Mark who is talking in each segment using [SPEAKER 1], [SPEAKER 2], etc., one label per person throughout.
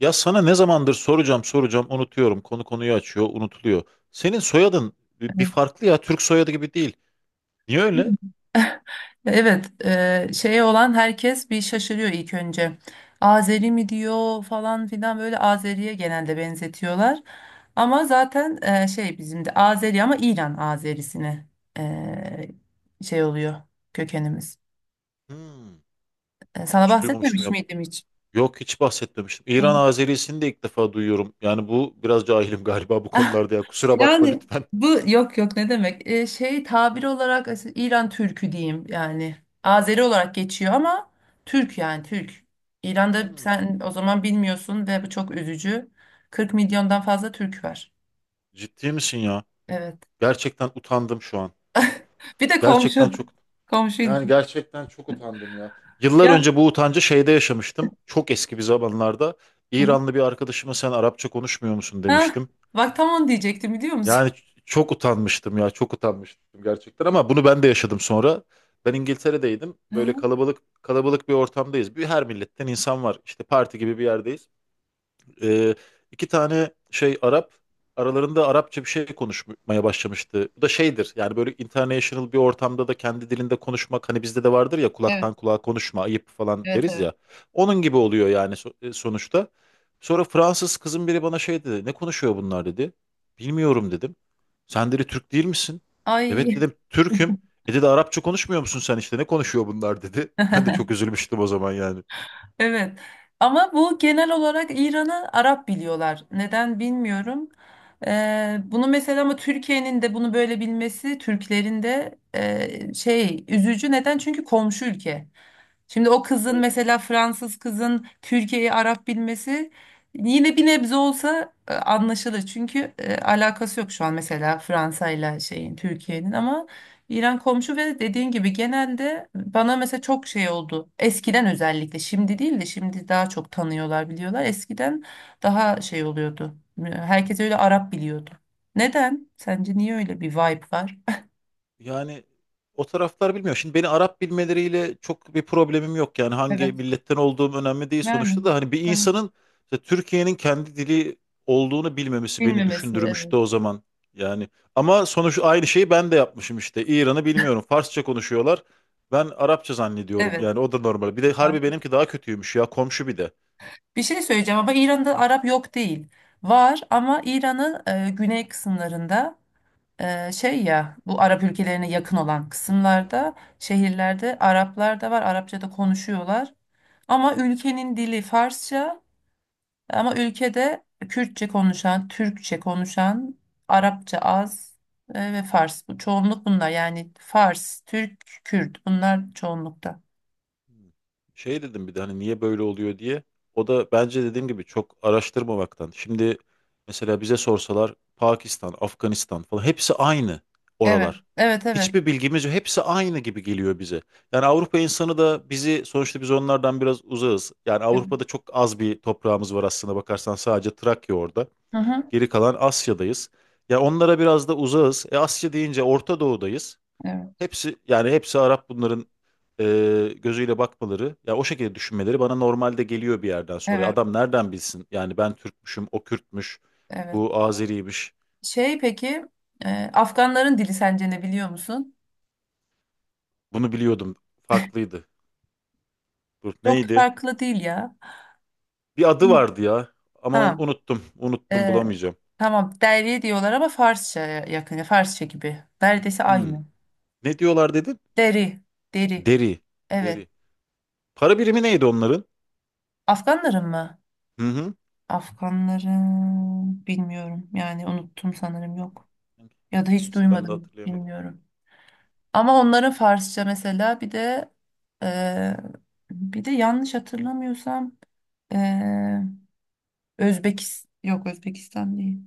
[SPEAKER 1] Ya sana ne zamandır soracağım soracağım unutuyorum. Konu konuyu açıyor, unutuluyor. Senin soyadın bir farklı ya. Türk soyadı gibi değil. Niye öyle?
[SPEAKER 2] Evet, şeye olan herkes bir şaşırıyor ilk önce. Azeri mi diyor falan filan, böyle Azeri'ye genelde benzetiyorlar. Ama zaten şey, bizim de Azeri ama İran Azerisine eee, şey oluyor kökenimiz.
[SPEAKER 1] Hmm,
[SPEAKER 2] Sana
[SPEAKER 1] Hiç duymamıştım
[SPEAKER 2] bahsetmemiş
[SPEAKER 1] ya.
[SPEAKER 2] miydim hiç?
[SPEAKER 1] Yok hiç bahsetmemiştim. İran
[SPEAKER 2] Evet.
[SPEAKER 1] Azerisini de ilk defa duyuyorum. Yani bu biraz cahilim galiba bu konularda ya. Kusura bakma
[SPEAKER 2] Yani
[SPEAKER 1] lütfen.
[SPEAKER 2] bu yok ne demek? Şey, tabir olarak İran Türkü diyeyim yani. Azeri olarak geçiyor ama Türk, yani Türk. İran'da
[SPEAKER 1] Hmm,
[SPEAKER 2] sen o zaman bilmiyorsun ve bu çok üzücü. 40 milyondan fazla Türk var.
[SPEAKER 1] Ciddi misin ya?
[SPEAKER 2] Evet.
[SPEAKER 1] Gerçekten utandım şu an.
[SPEAKER 2] Bir de
[SPEAKER 1] Gerçekten
[SPEAKER 2] komşu.
[SPEAKER 1] çok
[SPEAKER 2] Komşu
[SPEAKER 1] yani
[SPEAKER 2] ilginç.
[SPEAKER 1] gerçekten çok utandım ya. Yıllar
[SPEAKER 2] Ya.
[SPEAKER 1] önce bu utancı şeyde yaşamıştım. Çok eski bir zamanlarda. İranlı bir arkadaşıma sen Arapça konuşmuyor musun
[SPEAKER 2] Ha,
[SPEAKER 1] demiştim.
[SPEAKER 2] bak tam onu diyecektim, biliyor musun?
[SPEAKER 1] Yani çok utanmıştım ya çok utanmıştım gerçekten, ama bunu ben de yaşadım sonra. Ben İngiltere'deydim.
[SPEAKER 2] Hı
[SPEAKER 1] Böyle
[SPEAKER 2] hı.
[SPEAKER 1] kalabalık kalabalık bir ortamdayız. Bir, her milletten insan var. İşte parti gibi bir yerdeyiz. Ee, iki tane şey Arap aralarında Arapça bir şey konuşmaya başlamıştı. Bu da şeydir yani, böyle international bir ortamda da kendi dilinde konuşmak, hani bizde de vardır ya,
[SPEAKER 2] Evet,
[SPEAKER 1] kulaktan kulağa konuşma ayıp falan
[SPEAKER 2] evet,
[SPEAKER 1] deriz
[SPEAKER 2] evet.
[SPEAKER 1] ya. Onun gibi oluyor yani sonuçta. Sonra Fransız kızın biri bana şey dedi, ne konuşuyor bunlar dedi. Bilmiyorum dedim. Sen dedi, Türk değil misin? Evet
[SPEAKER 2] Ay.
[SPEAKER 1] dedim, Türk'üm. E dedi, Arapça konuşmuyor musun sen, işte ne konuşuyor bunlar dedi. Ben de çok üzülmüştüm o zaman yani.
[SPEAKER 2] Evet. Ama bu genel olarak İran'ı Arap biliyorlar. Neden bilmiyorum. Bunu mesela, ama Türkiye'nin de bunu böyle bilmesi, Türklerin de, şey, üzücü. Neden? Çünkü komşu ülke. Şimdi o kızın mesela, Fransız kızın Türkiye'yi Arap bilmesi yine bir nebze olsa anlaşılır. Çünkü alakası yok şu an mesela Fransa ile şeyin, Türkiye'nin, ama İran komşu. Ve dediğin gibi genelde bana mesela çok şey oldu. Eskiden özellikle, şimdi değil de, şimdi daha çok tanıyorlar, biliyorlar. Eskiden daha şey oluyordu. Herkes öyle Arap biliyordu. Neden? Sence niye öyle bir vibe var?
[SPEAKER 1] Yani o taraflar bilmiyor. Şimdi beni Arap bilmeleriyle çok bir problemim yok. Yani hangi
[SPEAKER 2] Evet.
[SPEAKER 1] milletten olduğum önemli değil
[SPEAKER 2] Yani.
[SPEAKER 1] sonuçta da, hani bir
[SPEAKER 2] Hani.
[SPEAKER 1] insanın işte Türkiye'nin kendi dili olduğunu bilmemesi beni
[SPEAKER 2] Bilmemesi. Evet.
[SPEAKER 1] düşündürmüştü o zaman. Yani ama sonuç aynı şeyi ben de yapmışım işte. İran'ı bilmiyorum. Farsça konuşuyorlar. Ben Arapça zannediyorum.
[SPEAKER 2] Evet.
[SPEAKER 1] Yani o da normal. Bir de harbi benimki daha kötüymüş ya, komşu bir de.
[SPEAKER 2] Bir şey söyleyeceğim, ama İran'da Arap yok değil. Var, ama İran'ın güney kısımlarında, şey ya, bu Arap ülkelerine yakın olan kısımlarda, şehirlerde Araplar da var. Arapça da konuşuyorlar. Ama ülkenin dili Farsça, ama ülkede Kürtçe konuşan, Türkçe konuşan, Arapça az, ve Fars. Bu çoğunluk, bunlar yani Fars, Türk, Kürt, bunlar çoğunlukta.
[SPEAKER 1] Şey dedim bir de, hani niye böyle oluyor diye. O da bence dediğim gibi çok araştırmamaktan. Şimdi mesela bize sorsalar Pakistan, Afganistan falan, hepsi aynı
[SPEAKER 2] Evet,
[SPEAKER 1] oralar.
[SPEAKER 2] evet, evet.
[SPEAKER 1] Hiçbir bilgimiz yok. Hepsi aynı gibi geliyor bize. Yani Avrupa insanı da bizi, sonuçta biz onlardan biraz uzağız. Yani
[SPEAKER 2] Evet.
[SPEAKER 1] Avrupa'da çok az bir toprağımız var aslında, bakarsan sadece Trakya orada.
[SPEAKER 2] Hı hı.
[SPEAKER 1] Geri kalan Asya'dayız. Ya onlara biraz da uzağız. E Asya deyince Orta Doğu'dayız.
[SPEAKER 2] Evet,
[SPEAKER 1] Hepsi yani hepsi Arap bunların gözüyle bakmaları, ya o şekilde düşünmeleri bana normalde geliyor bir yerden sonra.
[SPEAKER 2] evet,
[SPEAKER 1] Adam nereden bilsin? Yani ben Türkmüşüm, o Kürtmüş,
[SPEAKER 2] evet.
[SPEAKER 1] bu Azeriymiş.
[SPEAKER 2] Şey peki, Afganların dili sence ne, biliyor musun?
[SPEAKER 1] Bunu biliyordum. Farklıydı. Dur
[SPEAKER 2] Çok da
[SPEAKER 1] neydi?
[SPEAKER 2] farklı değil ya.
[SPEAKER 1] Bir
[SPEAKER 2] Hı.
[SPEAKER 1] adı vardı ya, ama onu
[SPEAKER 2] Ha,
[SPEAKER 1] unuttum. Unuttum,
[SPEAKER 2] e,
[SPEAKER 1] bulamayacağım.
[SPEAKER 2] tamam, deri diyorlar ama Farsça'ya yakın, Farsça gibi. Neredeyse
[SPEAKER 1] Hmm.
[SPEAKER 2] aynı.
[SPEAKER 1] Ne diyorlar dedin?
[SPEAKER 2] Deri, deri.
[SPEAKER 1] Deri.
[SPEAKER 2] Evet.
[SPEAKER 1] Deri. Para birimi neydi onların?
[SPEAKER 2] Afganların mı?
[SPEAKER 1] Hı hı.
[SPEAKER 2] Afganların bilmiyorum. Yani unuttum sanırım, yok. Ya da hiç
[SPEAKER 1] Neyse, ben de
[SPEAKER 2] duymadım,
[SPEAKER 1] hatırlayamadım.
[SPEAKER 2] bilmiyorum. Ama onların Farsça, mesela bir de e, bir de yanlış hatırlamıyorsam e, Özbekistan, yok Özbekistan değil.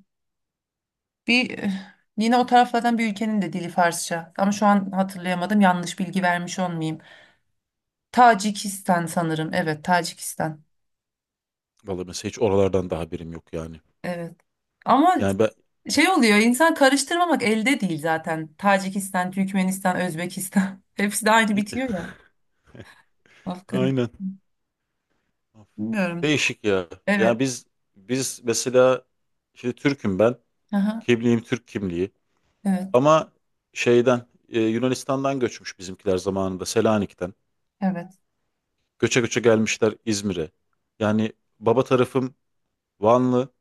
[SPEAKER 2] Bir yine o taraflardan bir ülkenin de dili Farsça. Ama şu an hatırlayamadım. Yanlış bilgi vermiş olmayayım. Tacikistan sanırım. Evet, Tacikistan.
[SPEAKER 1] Vallahi mesela hiç oralardan daha birim yok yani.
[SPEAKER 2] Evet. Ama
[SPEAKER 1] Yani ben
[SPEAKER 2] şey oluyor, insan karıştırmamak elde değil zaten. Tacikistan, Türkmenistan, Özbekistan. Hepsi de aynı bitiyor ya.
[SPEAKER 1] aynen.
[SPEAKER 2] Afganistan. Bilmiyorum.
[SPEAKER 1] Değişik ya. Yani
[SPEAKER 2] Evet.
[SPEAKER 1] biz mesela, şimdi Türk'üm ben.
[SPEAKER 2] Aha.
[SPEAKER 1] Kimliğim Türk kimliği.
[SPEAKER 2] Evet.
[SPEAKER 1] Ama şeyden Yunanistan'dan göçmüş bizimkiler zamanında, Selanik'ten.
[SPEAKER 2] Evet.
[SPEAKER 1] Göçe göçe gelmişler İzmir'e. Yani baba tarafım Vanlı,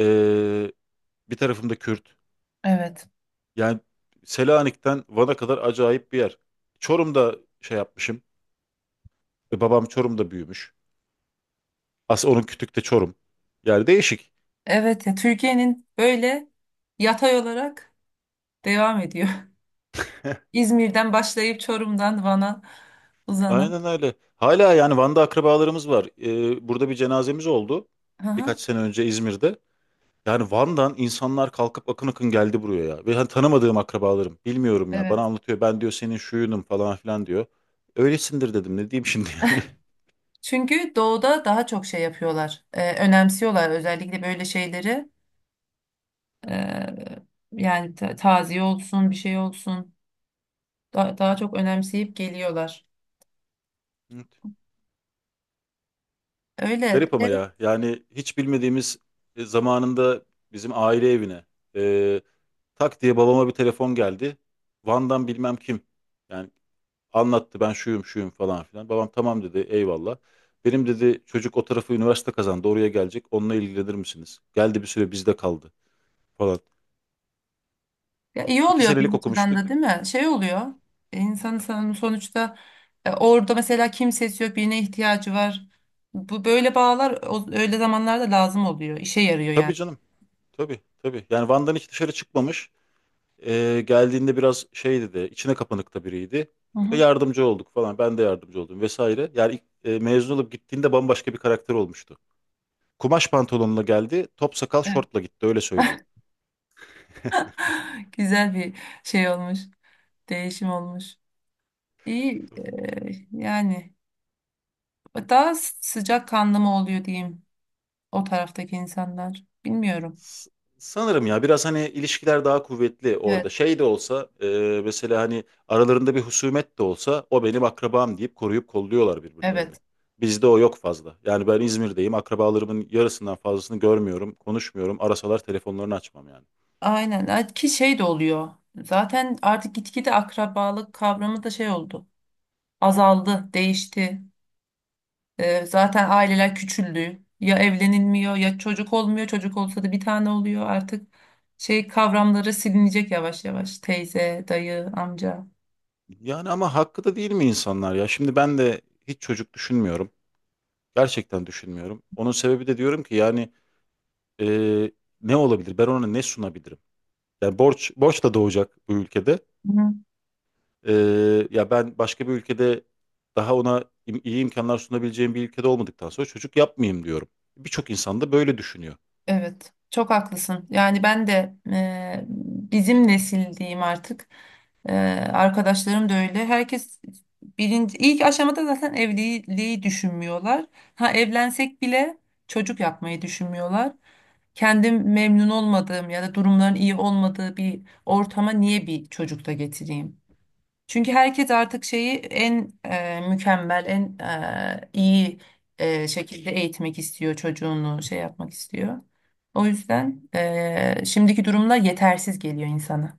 [SPEAKER 1] e, bir tarafım da Kürt.
[SPEAKER 2] Evet.
[SPEAKER 1] Yani Selanik'ten Van'a kadar acayip bir yer. Çorum'da şey yapmışım. Babam Çorum'da büyümüş. Aslında onun kütük de Çorum. Yani değişik.
[SPEAKER 2] Evet ya, Türkiye'nin böyle yatay olarak devam ediyor. İzmir'den başlayıp Çorum'dan Van'a uzanan.
[SPEAKER 1] Aynen öyle. Hala yani Van'da akrabalarımız var. Burada bir cenazemiz oldu.
[SPEAKER 2] Hı hı.
[SPEAKER 1] Birkaç sene önce İzmir'de. Yani Van'dan insanlar kalkıp akın akın geldi buraya ya. Ve hani tanımadığım akrabalarım. Bilmiyorum ya. Bana
[SPEAKER 2] Evet.
[SPEAKER 1] anlatıyor. Ben diyor senin şuyunum falan filan diyor. Öylesindir dedim. Ne diyeyim şimdi yani.
[SPEAKER 2] Çünkü doğuda daha çok şey yapıyorlar. Önemsiyorlar, özellikle böyle şeyleri. Ee, Yani taziye olsun, bir şey olsun. Daha çok önemseyip geliyorlar.
[SPEAKER 1] Evet.
[SPEAKER 2] Öyle.
[SPEAKER 1] Garip ama ya. Yani hiç bilmediğimiz, zamanında bizim aile evine, e, tak diye babama bir telefon geldi. Van'dan bilmem kim. Yani anlattı, ben şuyum şuyum falan filan. Babam tamam dedi, eyvallah. Benim dedi çocuk o tarafı üniversite kazandı, oraya gelecek. Onunla ilgilenir misiniz? Geldi, bir süre bizde kaldı falan.
[SPEAKER 2] Ya iyi
[SPEAKER 1] İki
[SPEAKER 2] oluyor
[SPEAKER 1] senelik
[SPEAKER 2] bir açıdan
[SPEAKER 1] okumuştu.
[SPEAKER 2] da değil mi? Şey oluyor. İnsanın sonuçta orada mesela kimsesi yok, birine ihtiyacı var. Bu böyle bağlar öyle zamanlarda lazım oluyor. İşe yarıyor yani.
[SPEAKER 1] Tabii canım, tabii tabii. Yani Van'dan hiç dışarı çıkmamış. Geldiğinde biraz şey dedi, içine kapanıkta biriydi.
[SPEAKER 2] Hı hı.
[SPEAKER 1] Yardımcı olduk falan, ben de yardımcı oldum vesaire. Yani ilk, mezun olup gittiğinde bambaşka bir karakter olmuştu. Kumaş pantolonla geldi, top sakal şortla gitti, öyle söyleyeyim.
[SPEAKER 2] Güzel bir şey olmuş. Değişim olmuş. İyi, yani daha sıcak kanlı mı oluyor diyeyim, o taraftaki insanlar. Bilmiyorum.
[SPEAKER 1] S- Sanırım ya, biraz hani ilişkiler daha kuvvetli
[SPEAKER 2] Evet,
[SPEAKER 1] orada. Şey de olsa, mesela hani aralarında bir husumet de olsa o benim akrabam deyip koruyup kolluyorlar birbirlerini.
[SPEAKER 2] evet.
[SPEAKER 1] Bizde o yok fazla. Yani ben İzmir'deyim. Akrabalarımın yarısından fazlasını görmüyorum, konuşmuyorum. Arasalar telefonlarını açmam yani.
[SPEAKER 2] Aynen. Ha, ki şey de oluyor. Zaten artık gitgide akrabalık kavramı da şey oldu. Azaldı, değişti. Zaten aileler küçüldü. Ya evlenilmiyor, ya çocuk olmuyor. Çocuk olsa da bir tane oluyor. Artık şey kavramları silinecek yavaş yavaş. Teyze, dayı, amca.
[SPEAKER 1] Yani ama hakkı da değil mi insanlar ya? Şimdi ben de hiç çocuk düşünmüyorum. Gerçekten düşünmüyorum. Onun sebebi de diyorum ki yani, e, ne olabilir? Ben ona ne sunabilirim? Yani borç borç da doğacak bu ülkede.
[SPEAKER 2] Hı.
[SPEAKER 1] Ya ben başka bir ülkede, daha ona iyi imkanlar sunabileceğim bir ülkede olmadıktan sonra çocuk yapmayayım diyorum. Birçok insan da böyle düşünüyor.
[SPEAKER 2] Evet, çok haklısın. Yani ben de, bizim nesil diyeyim artık. E, Arkadaşlarım da öyle. Herkes birinci, ilk aşamada zaten evliliği düşünmüyorlar. Ha evlensek bile çocuk yapmayı düşünmüyorlar. Kendim memnun olmadığım ya da durumların iyi olmadığı bir ortama niye bir çocuk da getireyim? Çünkü herkes artık şeyi en mükemmel, en iyi şekilde eğitmek istiyor, çocuğunu şey yapmak istiyor. O yüzden şimdiki durumlar yetersiz geliyor insana.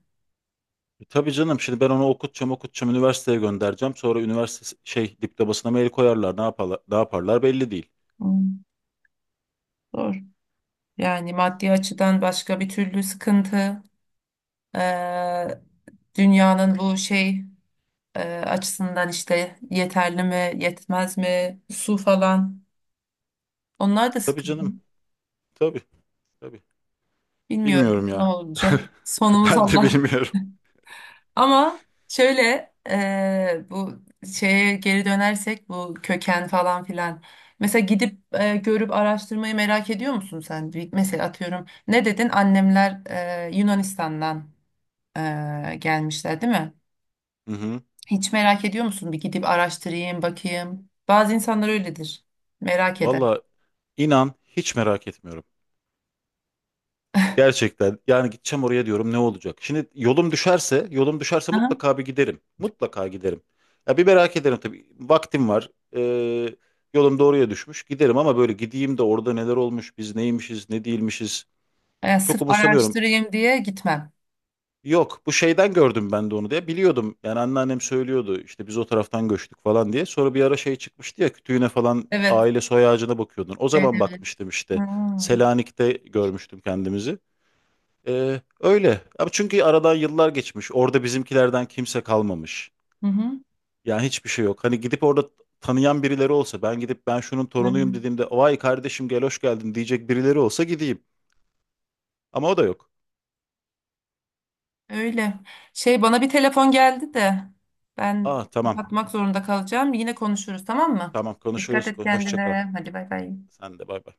[SPEAKER 1] E tabii canım, şimdi ben onu okutacağım okutacağım, üniversiteye göndereceğim. Sonra üniversite şey diplomasına mail koyarlar, ne yaparlar, ne yaparlar belli değil.
[SPEAKER 2] Hmm, zor. Yani maddi açıdan başka, bir türlü sıkıntı. e, Dünyanın bu şey açısından, işte yeterli mi, yetmez mi, su falan. Onlar da
[SPEAKER 1] Tabii
[SPEAKER 2] sıkıntı.
[SPEAKER 1] canım, tabii tabii.
[SPEAKER 2] Bilmiyorum
[SPEAKER 1] Bilmiyorum
[SPEAKER 2] ne
[SPEAKER 1] ya.
[SPEAKER 2] olacak. Sonumuz
[SPEAKER 1] Ben de
[SPEAKER 2] Allah.
[SPEAKER 1] bilmiyorum.
[SPEAKER 2] Ama şöyle bu şeye geri dönersek, bu köken falan filan. Mesela gidip görüp araştırmayı merak ediyor musun sen? Bir- mesela atıyorum, ne dedin? Annemler Yunanistan'dan gelmişler değil mi?
[SPEAKER 1] Hı hı.
[SPEAKER 2] Hiç merak ediyor musun? Bir gidip araştırayım, bakayım. Bazı insanlar öyledir. Merak eder.
[SPEAKER 1] Valla inan hiç merak etmiyorum. Gerçekten yani, gideceğim oraya diyorum, ne olacak? Şimdi yolum düşerse, yolum düşerse
[SPEAKER 2] Aha.
[SPEAKER 1] mutlaka bir giderim. Mutlaka giderim. Ya bir merak ederim tabii. Vaktim var. Ee, Yolum doğruya düşmüş. Giderim, ama böyle gideyim de orada neler olmuş, biz neymişiz, ne değilmişiz. Çok
[SPEAKER 2] Sırf
[SPEAKER 1] umursamıyorum.
[SPEAKER 2] araştırayım diye gitmem.
[SPEAKER 1] Yok, bu şeyden gördüm ben de onu diye. Biliyordum. Yani anneannem söylüyordu işte, biz o taraftan göçtük falan diye. Sonra bir ara şey çıkmıştı ya, kütüğüne falan,
[SPEAKER 2] Evet.
[SPEAKER 1] aile soy ağacına bakıyordun. O
[SPEAKER 2] Evet,
[SPEAKER 1] zaman
[SPEAKER 2] evet.
[SPEAKER 1] bakmıştım işte.
[SPEAKER 2] Hmm.
[SPEAKER 1] Selanik'te görmüştüm kendimizi. Öyle. Abi çünkü aradan yıllar geçmiş. Orada bizimkilerden kimse kalmamış.
[SPEAKER 2] Hı hı.
[SPEAKER 1] Yani hiçbir şey yok. Hani gidip orada tanıyan birileri olsa, ben gidip ben şunun torunuyum
[SPEAKER 2] Aynen.
[SPEAKER 1] dediğimde vay kardeşim gel hoş geldin diyecek birileri olsa gideyim. Ama o da yok.
[SPEAKER 2] Öyle. Şey, bana bir telefon geldi de ben
[SPEAKER 1] Aa, tamam.
[SPEAKER 2] kapatmak zorunda kalacağım. Yine konuşuruz, tamam mı?
[SPEAKER 1] Tamam,
[SPEAKER 2] Dikkat
[SPEAKER 1] konuşuruz.
[SPEAKER 2] et
[SPEAKER 1] Hoşça kal.
[SPEAKER 2] kendine. Hadi bay bay.
[SPEAKER 1] Sen de bay bay.